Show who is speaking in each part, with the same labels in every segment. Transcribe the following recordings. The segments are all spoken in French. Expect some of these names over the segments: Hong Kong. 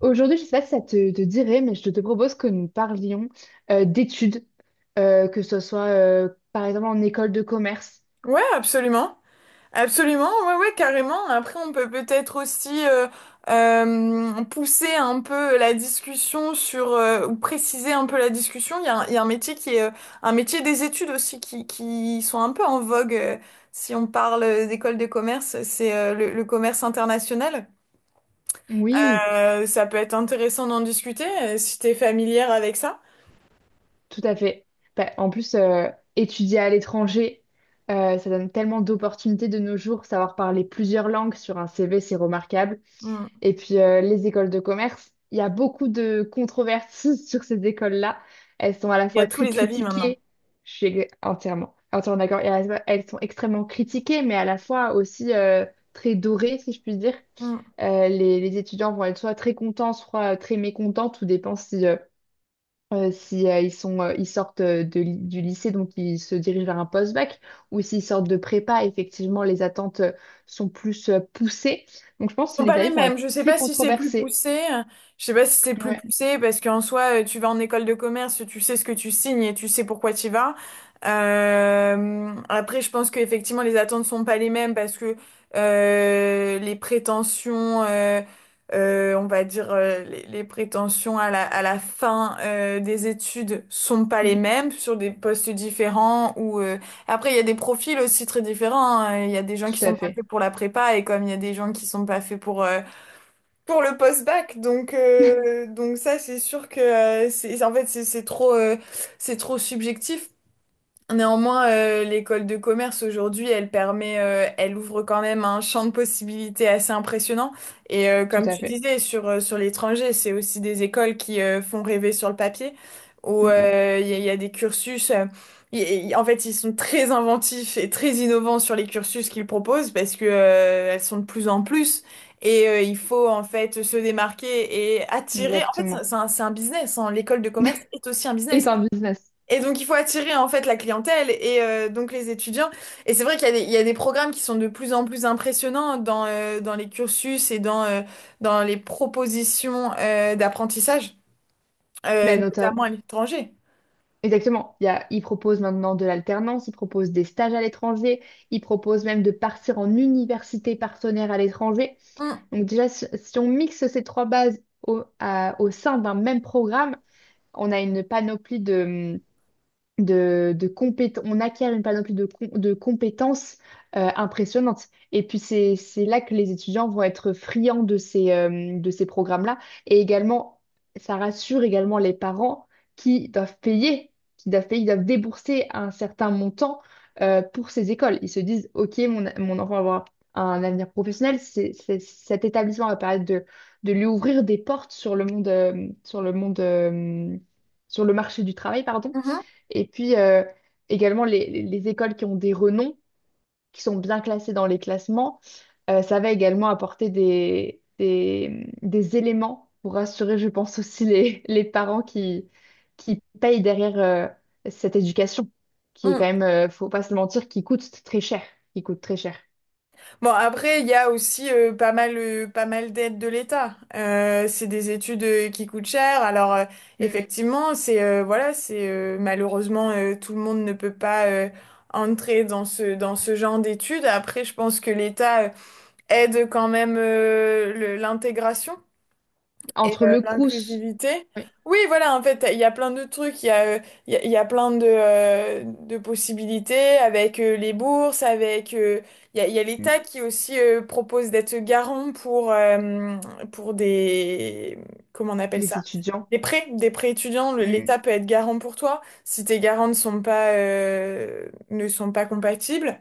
Speaker 1: Aujourd'hui, je ne sais pas si ça te dirait, mais je te propose que nous parlions d'études, que ce soit par exemple en école de commerce.
Speaker 2: Ouais, absolument. Absolument, ouais, ouais, carrément. Après, on peut peut-être aussi pousser un peu la discussion sur, ou préciser un peu la discussion. Il y a un métier qui est, un métier des études aussi qui sont un peu en vogue. Si on parle d'école de commerce, c'est le commerce international.
Speaker 1: Oui,
Speaker 2: Ça peut être intéressant d'en discuter si t'es familière avec ça.
Speaker 1: tout à fait. Bah, en plus, étudier à l'étranger, ça donne tellement d'opportunités de nos jours. Savoir parler plusieurs langues sur un CV, c'est remarquable.
Speaker 2: Mm.
Speaker 1: Et puis les écoles de commerce, il y a beaucoup de controverses sur ces écoles-là. Elles sont à la
Speaker 2: Il y a
Speaker 1: fois
Speaker 2: tous
Speaker 1: très
Speaker 2: les avis maintenant.
Speaker 1: critiquées, je suis entièrement, entièrement d'accord, et à la fois, elles sont extrêmement critiquées, mais à la fois aussi très dorées, si je puis dire.
Speaker 2: Mm.
Speaker 1: Les étudiants vont être soit très contents, soit très mécontents, tout dépend si ils sortent du lycée, donc ils se dirigent vers un post-bac, ou s'ils sortent de prépa, effectivement, les attentes sont plus poussées. Donc, je pense que
Speaker 2: Sont
Speaker 1: les
Speaker 2: pas les
Speaker 1: tarifs vont
Speaker 2: mêmes.
Speaker 1: être
Speaker 2: Je sais
Speaker 1: très
Speaker 2: pas si c'est plus
Speaker 1: controversés.
Speaker 2: poussé. Je sais pas si c'est plus
Speaker 1: Ouais.
Speaker 2: poussé parce qu'en soi, tu vas en école de commerce, tu sais ce que tu signes et tu sais pourquoi tu y vas. Après, je pense qu'effectivement, les attentes sont pas les mêmes parce que les prétentions, on va dire, les prétentions à la fin des études sont pas les
Speaker 1: Mm.
Speaker 2: mêmes sur des postes différents ou après, il y a des profils aussi très différents, hein. Il y a des gens qui
Speaker 1: Tout à
Speaker 2: sont pas
Speaker 1: fait.
Speaker 2: faits pour la prépa et comme il y a des gens qui sont pas faits pour le post-bac. Donc euh, donc ça, c'est sûr que c'est trop c'est trop subjectif. Néanmoins, l'école de commerce aujourd'hui, elle permet, elle ouvre quand même un champ de possibilités assez impressionnant. Et
Speaker 1: Tout
Speaker 2: comme
Speaker 1: à
Speaker 2: tu
Speaker 1: fait.
Speaker 2: disais, sur, sur l'étranger, c'est aussi des écoles qui font rêver sur le papier, où
Speaker 1: Mm,
Speaker 2: il y a des cursus. En fait, ils sont très inventifs et très innovants sur les cursus qu'ils proposent parce que elles sont de plus en plus. Et il faut en fait se démarquer et
Speaker 1: mm.
Speaker 2: attirer. En fait, c'est
Speaker 1: Exactement.
Speaker 2: c'est un, c'est un business, hein. L'école de commerce est aussi un
Speaker 1: Et
Speaker 2: business.
Speaker 1: par business.
Speaker 2: Et donc, il faut attirer en fait la clientèle et donc les étudiants. Et c'est vrai qu'il y a des programmes qui sont de plus en plus impressionnants dans, dans les cursus et dans, dans les propositions d'apprentissage,
Speaker 1: Ben,
Speaker 2: notamment à l'étranger.
Speaker 1: Exactement. Ils proposent maintenant de l'alternance, ils proposent des stages à l'étranger, ils proposent même de partir en université partenaire à l'étranger.
Speaker 2: Mm,
Speaker 1: Donc déjà, si on mixe ces trois bases au sein d'un même programme, on a une panoplie on acquiert une panoplie de compétences impressionnantes. Et puis c'est là que les étudiants vont être friands de ces programmes-là. Et également, ça rassure également les parents qui doivent payer, ils doivent débourser un certain montant pour ces écoles. Ils se disent, OK, mon enfant va avoir un avenir professionnel, cet établissement va permettre de lui ouvrir des portes sur le monde, sur le marché du travail, pardon.
Speaker 2: mhm,
Speaker 1: Et puis également les, les écoles qui ont des renoms, qui sont bien classées dans les classements, ça va également apporter des éléments pour rassurer, je pense, aussi les parents qui payent derrière cette éducation, qui est quand
Speaker 2: mm.
Speaker 1: même, faut pas se mentir, qui coûte très cher, qui coûte très cher.
Speaker 2: Bon, après, il y a aussi pas mal, pas mal d'aides de l'État. C'est des études qui coûtent cher. Alors,
Speaker 1: Mm.
Speaker 2: effectivement, c'est voilà, c'est malheureusement tout le monde ne peut pas entrer dans ce genre d'études. Après, je pense que l'État aide quand même l'intégration. Et
Speaker 1: Entre le Crous,
Speaker 2: l'inclusivité.
Speaker 1: oui,
Speaker 2: Oui, voilà, en fait, il y a plein de trucs, il y a plein de possibilités avec les bourses, il y a
Speaker 1: mm,
Speaker 2: l'État qui aussi propose d'être garant pour des... Comment on appelle
Speaker 1: les
Speaker 2: ça?
Speaker 1: étudiants,
Speaker 2: Des prêts étudiants.
Speaker 1: mm,
Speaker 2: L'État peut être garant pour toi si tes garants ne sont pas, ne sont pas compatibles.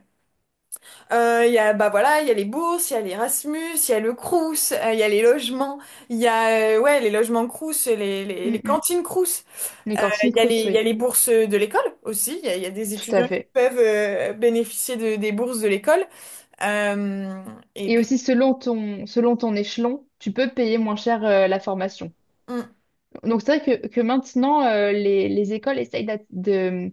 Speaker 2: Il y a, bah voilà, il y a les bourses, il y a l'Erasmus, il y a le Crous, il y a les logements, il y a ouais, les logements Crous, les, les,
Speaker 1: mm,
Speaker 2: les
Speaker 1: mm,
Speaker 2: cantines Crous.
Speaker 1: les cantines Crous,
Speaker 2: Il y a
Speaker 1: oui,
Speaker 2: les bourses de l'école aussi, il y a des
Speaker 1: tout à
Speaker 2: étudiants qui
Speaker 1: fait.
Speaker 2: peuvent bénéficier de, des bourses de l'école. Euh, et
Speaker 1: Et
Speaker 2: puis,
Speaker 1: aussi, selon ton échelon, tu peux payer moins cher la formation.
Speaker 2: mm,
Speaker 1: Donc, c'est vrai que maintenant, les écoles essayent.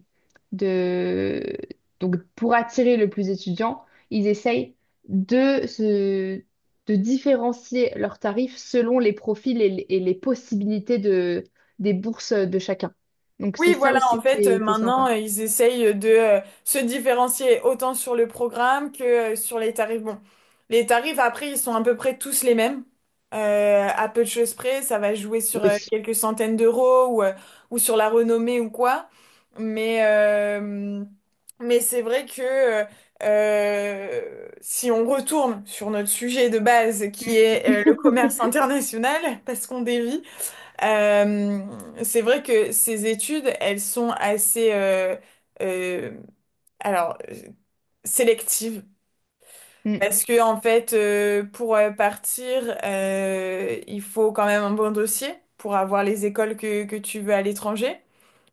Speaker 1: de... Donc, pour attirer le plus d'étudiants, ils essayent de, se, de différencier leurs tarifs selon les profils et les possibilités des bourses de chacun. Donc, c'est
Speaker 2: oui,
Speaker 1: ça
Speaker 2: voilà, en
Speaker 1: aussi qui
Speaker 2: fait,
Speaker 1: est, qui est
Speaker 2: maintenant,
Speaker 1: sympa.
Speaker 2: ils essayent de se différencier autant sur le programme que sur les tarifs. Bon, les tarifs, après, ils sont à peu près tous les mêmes, à peu de choses près. Ça va jouer sur
Speaker 1: Oui.
Speaker 2: quelques centaines d'euros ou sur la renommée ou quoi. Mais, euh, mais c'est vrai que si on retourne sur notre sujet de base,
Speaker 1: Mm.
Speaker 2: qui est le commerce international, parce qu'on dévie, euh, c'est vrai que ces études, elles sont assez, euh, alors, euh, sélectives.
Speaker 1: Mm,
Speaker 2: Parce que, en fait, pour partir, il faut quand même un bon dossier pour avoir les écoles que tu veux à l'étranger.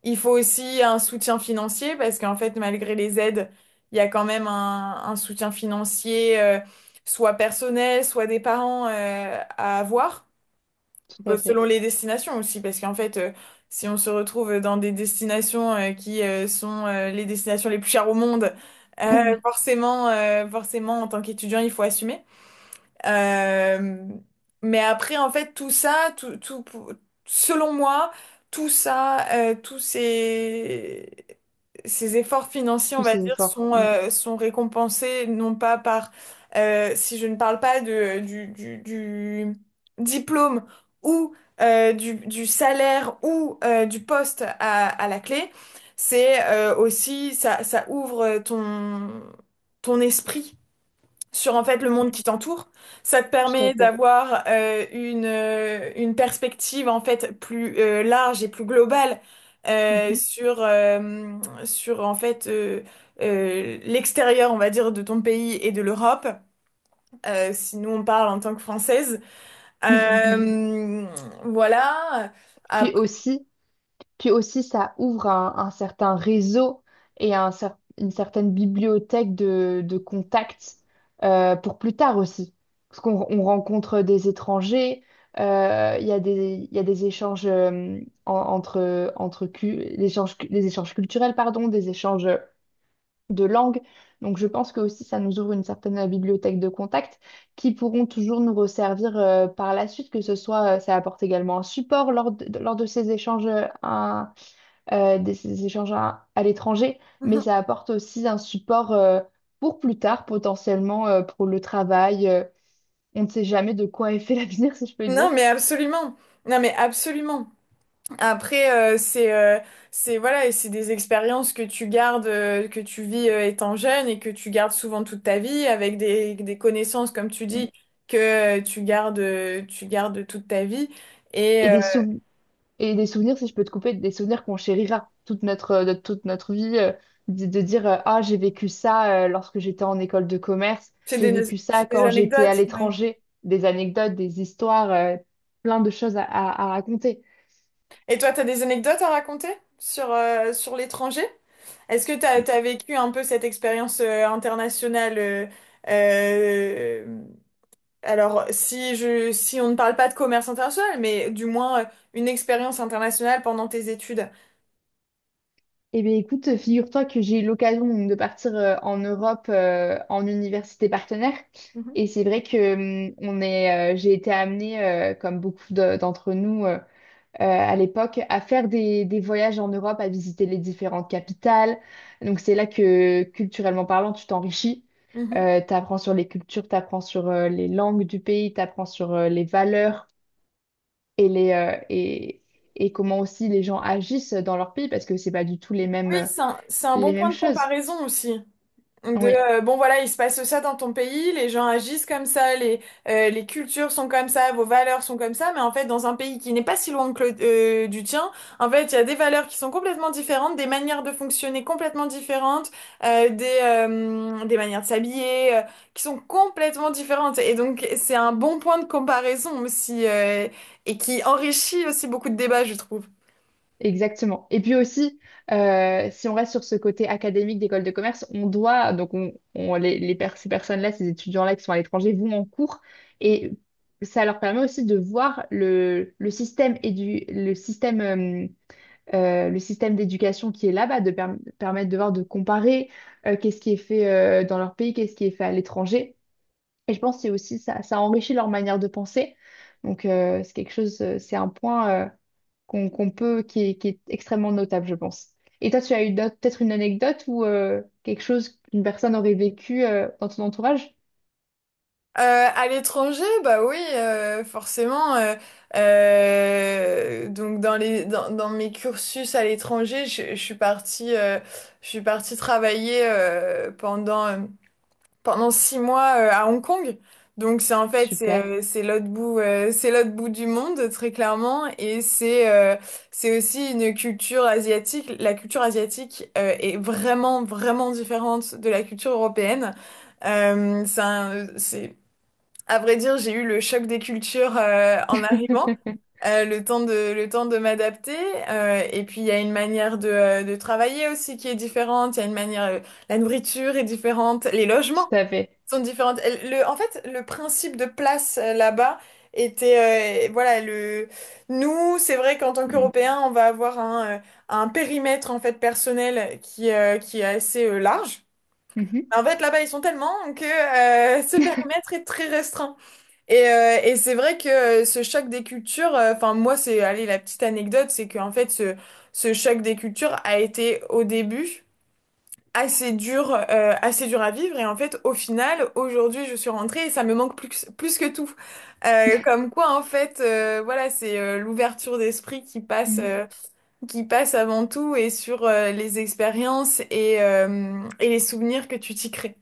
Speaker 2: Il faut aussi un soutien financier parce qu'en fait, malgré les aides, il y a quand même un soutien financier, soit personnel, soit des parents, à avoir.
Speaker 1: tout
Speaker 2: Bah,
Speaker 1: à
Speaker 2: selon
Speaker 1: fait.
Speaker 2: les destinations aussi, parce qu'en fait, si on se retrouve dans des destinations qui sont les destinations les plus chères au monde,
Speaker 1: Oui, oui.
Speaker 2: forcément, en tant qu'étudiant, il faut assumer. Euh, mais après, en fait, tout ça, tout, tout, selon moi, tout ça, ces efforts financiers, on
Speaker 1: Tous
Speaker 2: va
Speaker 1: ces
Speaker 2: dire,
Speaker 1: efforts.
Speaker 2: sont,
Speaker 1: Mm,
Speaker 2: sont récompensés, non pas par, si je ne parle pas du diplôme ou du salaire ou du poste à la clé, c'est aussi, ça ouvre ton esprit sur en fait le monde qui
Speaker 1: mm,
Speaker 2: t'entoure. Ça te
Speaker 1: tout à
Speaker 2: permet
Speaker 1: fait.
Speaker 2: d'avoir une perspective en fait plus large et plus globale euh,
Speaker 1: Mhm.
Speaker 2: sur, euh, sur en fait l'extérieur, on va dire, de ton pays et de l'Europe. Si nous on parle en tant que Française. Euh, voilà.
Speaker 1: Puis
Speaker 2: Après-
Speaker 1: aussi, puis aussi, ça ouvre un certain réseau et une certaine bibliothèque de contacts pour plus tard aussi. Parce qu'on rencontre des étrangers, il y a des échanges en- entre, entre cu- l'échange cu- des échanges culturels, pardon, des échanges de langue. Donc je pense que aussi ça nous ouvre une certaine bibliothèque de contacts qui pourront toujours nous resservir par la suite, que ce soit ça apporte également un support lors de ces échanges à l'étranger, mais ça apporte aussi un support pour plus tard, potentiellement pour le travail. On ne sait jamais de quoi est fait l'avenir, si je peux dire.
Speaker 2: Non mais absolument. Non mais absolument. Après, c'est voilà, et c'est des expériences que tu gardes, que tu vis étant jeune et que tu gardes souvent toute ta vie avec des connaissances, comme tu
Speaker 1: Mm.
Speaker 2: dis, que tu gardes toute ta vie. Et
Speaker 1: Et des sou- Et des souvenirs, si je peux te couper, des souvenirs qu'on chérira de toute notre vie, de dire Ah, j'ai vécu ça lorsque j'étais en école de commerce,
Speaker 2: c'est
Speaker 1: j'ai
Speaker 2: des,
Speaker 1: vécu
Speaker 2: c'est
Speaker 1: ça
Speaker 2: des
Speaker 1: quand j'étais à
Speaker 2: anecdotes, oui.
Speaker 1: l'étranger, des anecdotes, des histoires, plein de choses à raconter.
Speaker 2: Et toi, tu as des anecdotes à raconter sur, sur l'étranger? Est-ce que tu as vécu un peu cette expérience internationale euh, alors, si je, si on ne parle pas de commerce international, mais du moins une expérience internationale pendant tes études.
Speaker 1: Eh bien, écoute, figure-toi que j'ai eu l'occasion donc, de partir en Europe en université partenaire.
Speaker 2: Mhm.
Speaker 1: Et c'est vrai que j'ai été amenée, comme beaucoup d'entre nous, à l'époque à faire des voyages en Europe, à visiter les différentes capitales. Donc c'est là que, culturellement parlant, tu t'enrichis.
Speaker 2: Mhm.
Speaker 1: T'apprends sur les cultures, t'apprends sur les langues du pays, t'apprends sur les valeurs et, les, euh, et, et comment aussi les gens agissent dans leur pays parce que c'est pas du tout les mêmes,
Speaker 2: Oui,
Speaker 1: euh,
Speaker 2: c'est un
Speaker 1: les
Speaker 2: bon
Speaker 1: mêmes
Speaker 2: point de
Speaker 1: choses.
Speaker 2: comparaison aussi. De,
Speaker 1: Oui.
Speaker 2: bon voilà, il se passe ça dans ton pays, les gens agissent comme ça, les cultures sont comme ça, vos valeurs sont comme ça, mais en fait dans un pays qui n'est pas si loin que du tien, en fait il y a des valeurs qui sont complètement différentes, des manières de fonctionner complètement différentes, des manières de s'habiller qui sont complètement différentes. Et donc c'est un bon point de comparaison aussi et qui enrichit aussi beaucoup de débats, je trouve.
Speaker 1: Exactement. Et puis aussi, si on reste sur ce côté académique d'école de commerce, on doit, donc on- les per- ces étudiants-là qui sont à l'étranger vont en cours et ça leur permet aussi de voir le système le système d'éducation qui est là-bas, de permettre de voir, de comparer qu'est-ce qui est fait dans leur pays, qu'est-ce qui est fait à l'étranger. Et je pense que c'est aussi ça, ça enrichit leur manière de penser. Donc c'est quelque chose, c'est un point. Qu'on peut, qui est, extrêmement notable, je pense. Et toi, tu as eu peut-être une anecdote ou quelque chose qu'une personne aurait vécu dans ton entourage?
Speaker 2: À l'étranger, bah oui, forcément. Donc dans dans mes cursus à l'étranger, je suis partie travailler pendant 6 mois à Hong Kong. Donc
Speaker 1: Super,
Speaker 2: c'est l'autre bout du monde très clairement et c'est aussi une culture asiatique. La culture asiatique est vraiment vraiment différente de la culture européenne. C'est à vrai dire, j'ai eu le choc des cultures en arrivant,
Speaker 1: tout
Speaker 2: le temps de m'adapter. Et puis, il y a une manière de travailler aussi qui est différente. Il y a une manière, la nourriture est différente, les logements
Speaker 1: à fait.
Speaker 2: sont différents. Le, en fait, le principe de place là-bas était, voilà, nous, c'est vrai qu'en tant
Speaker 1: Mm.
Speaker 2: qu'Européens, on va avoir un périmètre en fait personnel qui est assez large.
Speaker 1: Mhm.
Speaker 2: En fait, là-bas, ils sont tellement que ce périmètre est très restreint. Et c'est vrai que ce choc des cultures, enfin moi c'est, allez la petite anecdote, c'est qu'en fait ce choc des cultures a été au début assez dur à vivre et en fait au final aujourd'hui je suis rentrée et ça me manque plus, plus que tout. Comme quoi en fait voilà c'est l'ouverture d'esprit qui passe avant tout et sur les expériences et les souvenirs que tu t'y crées.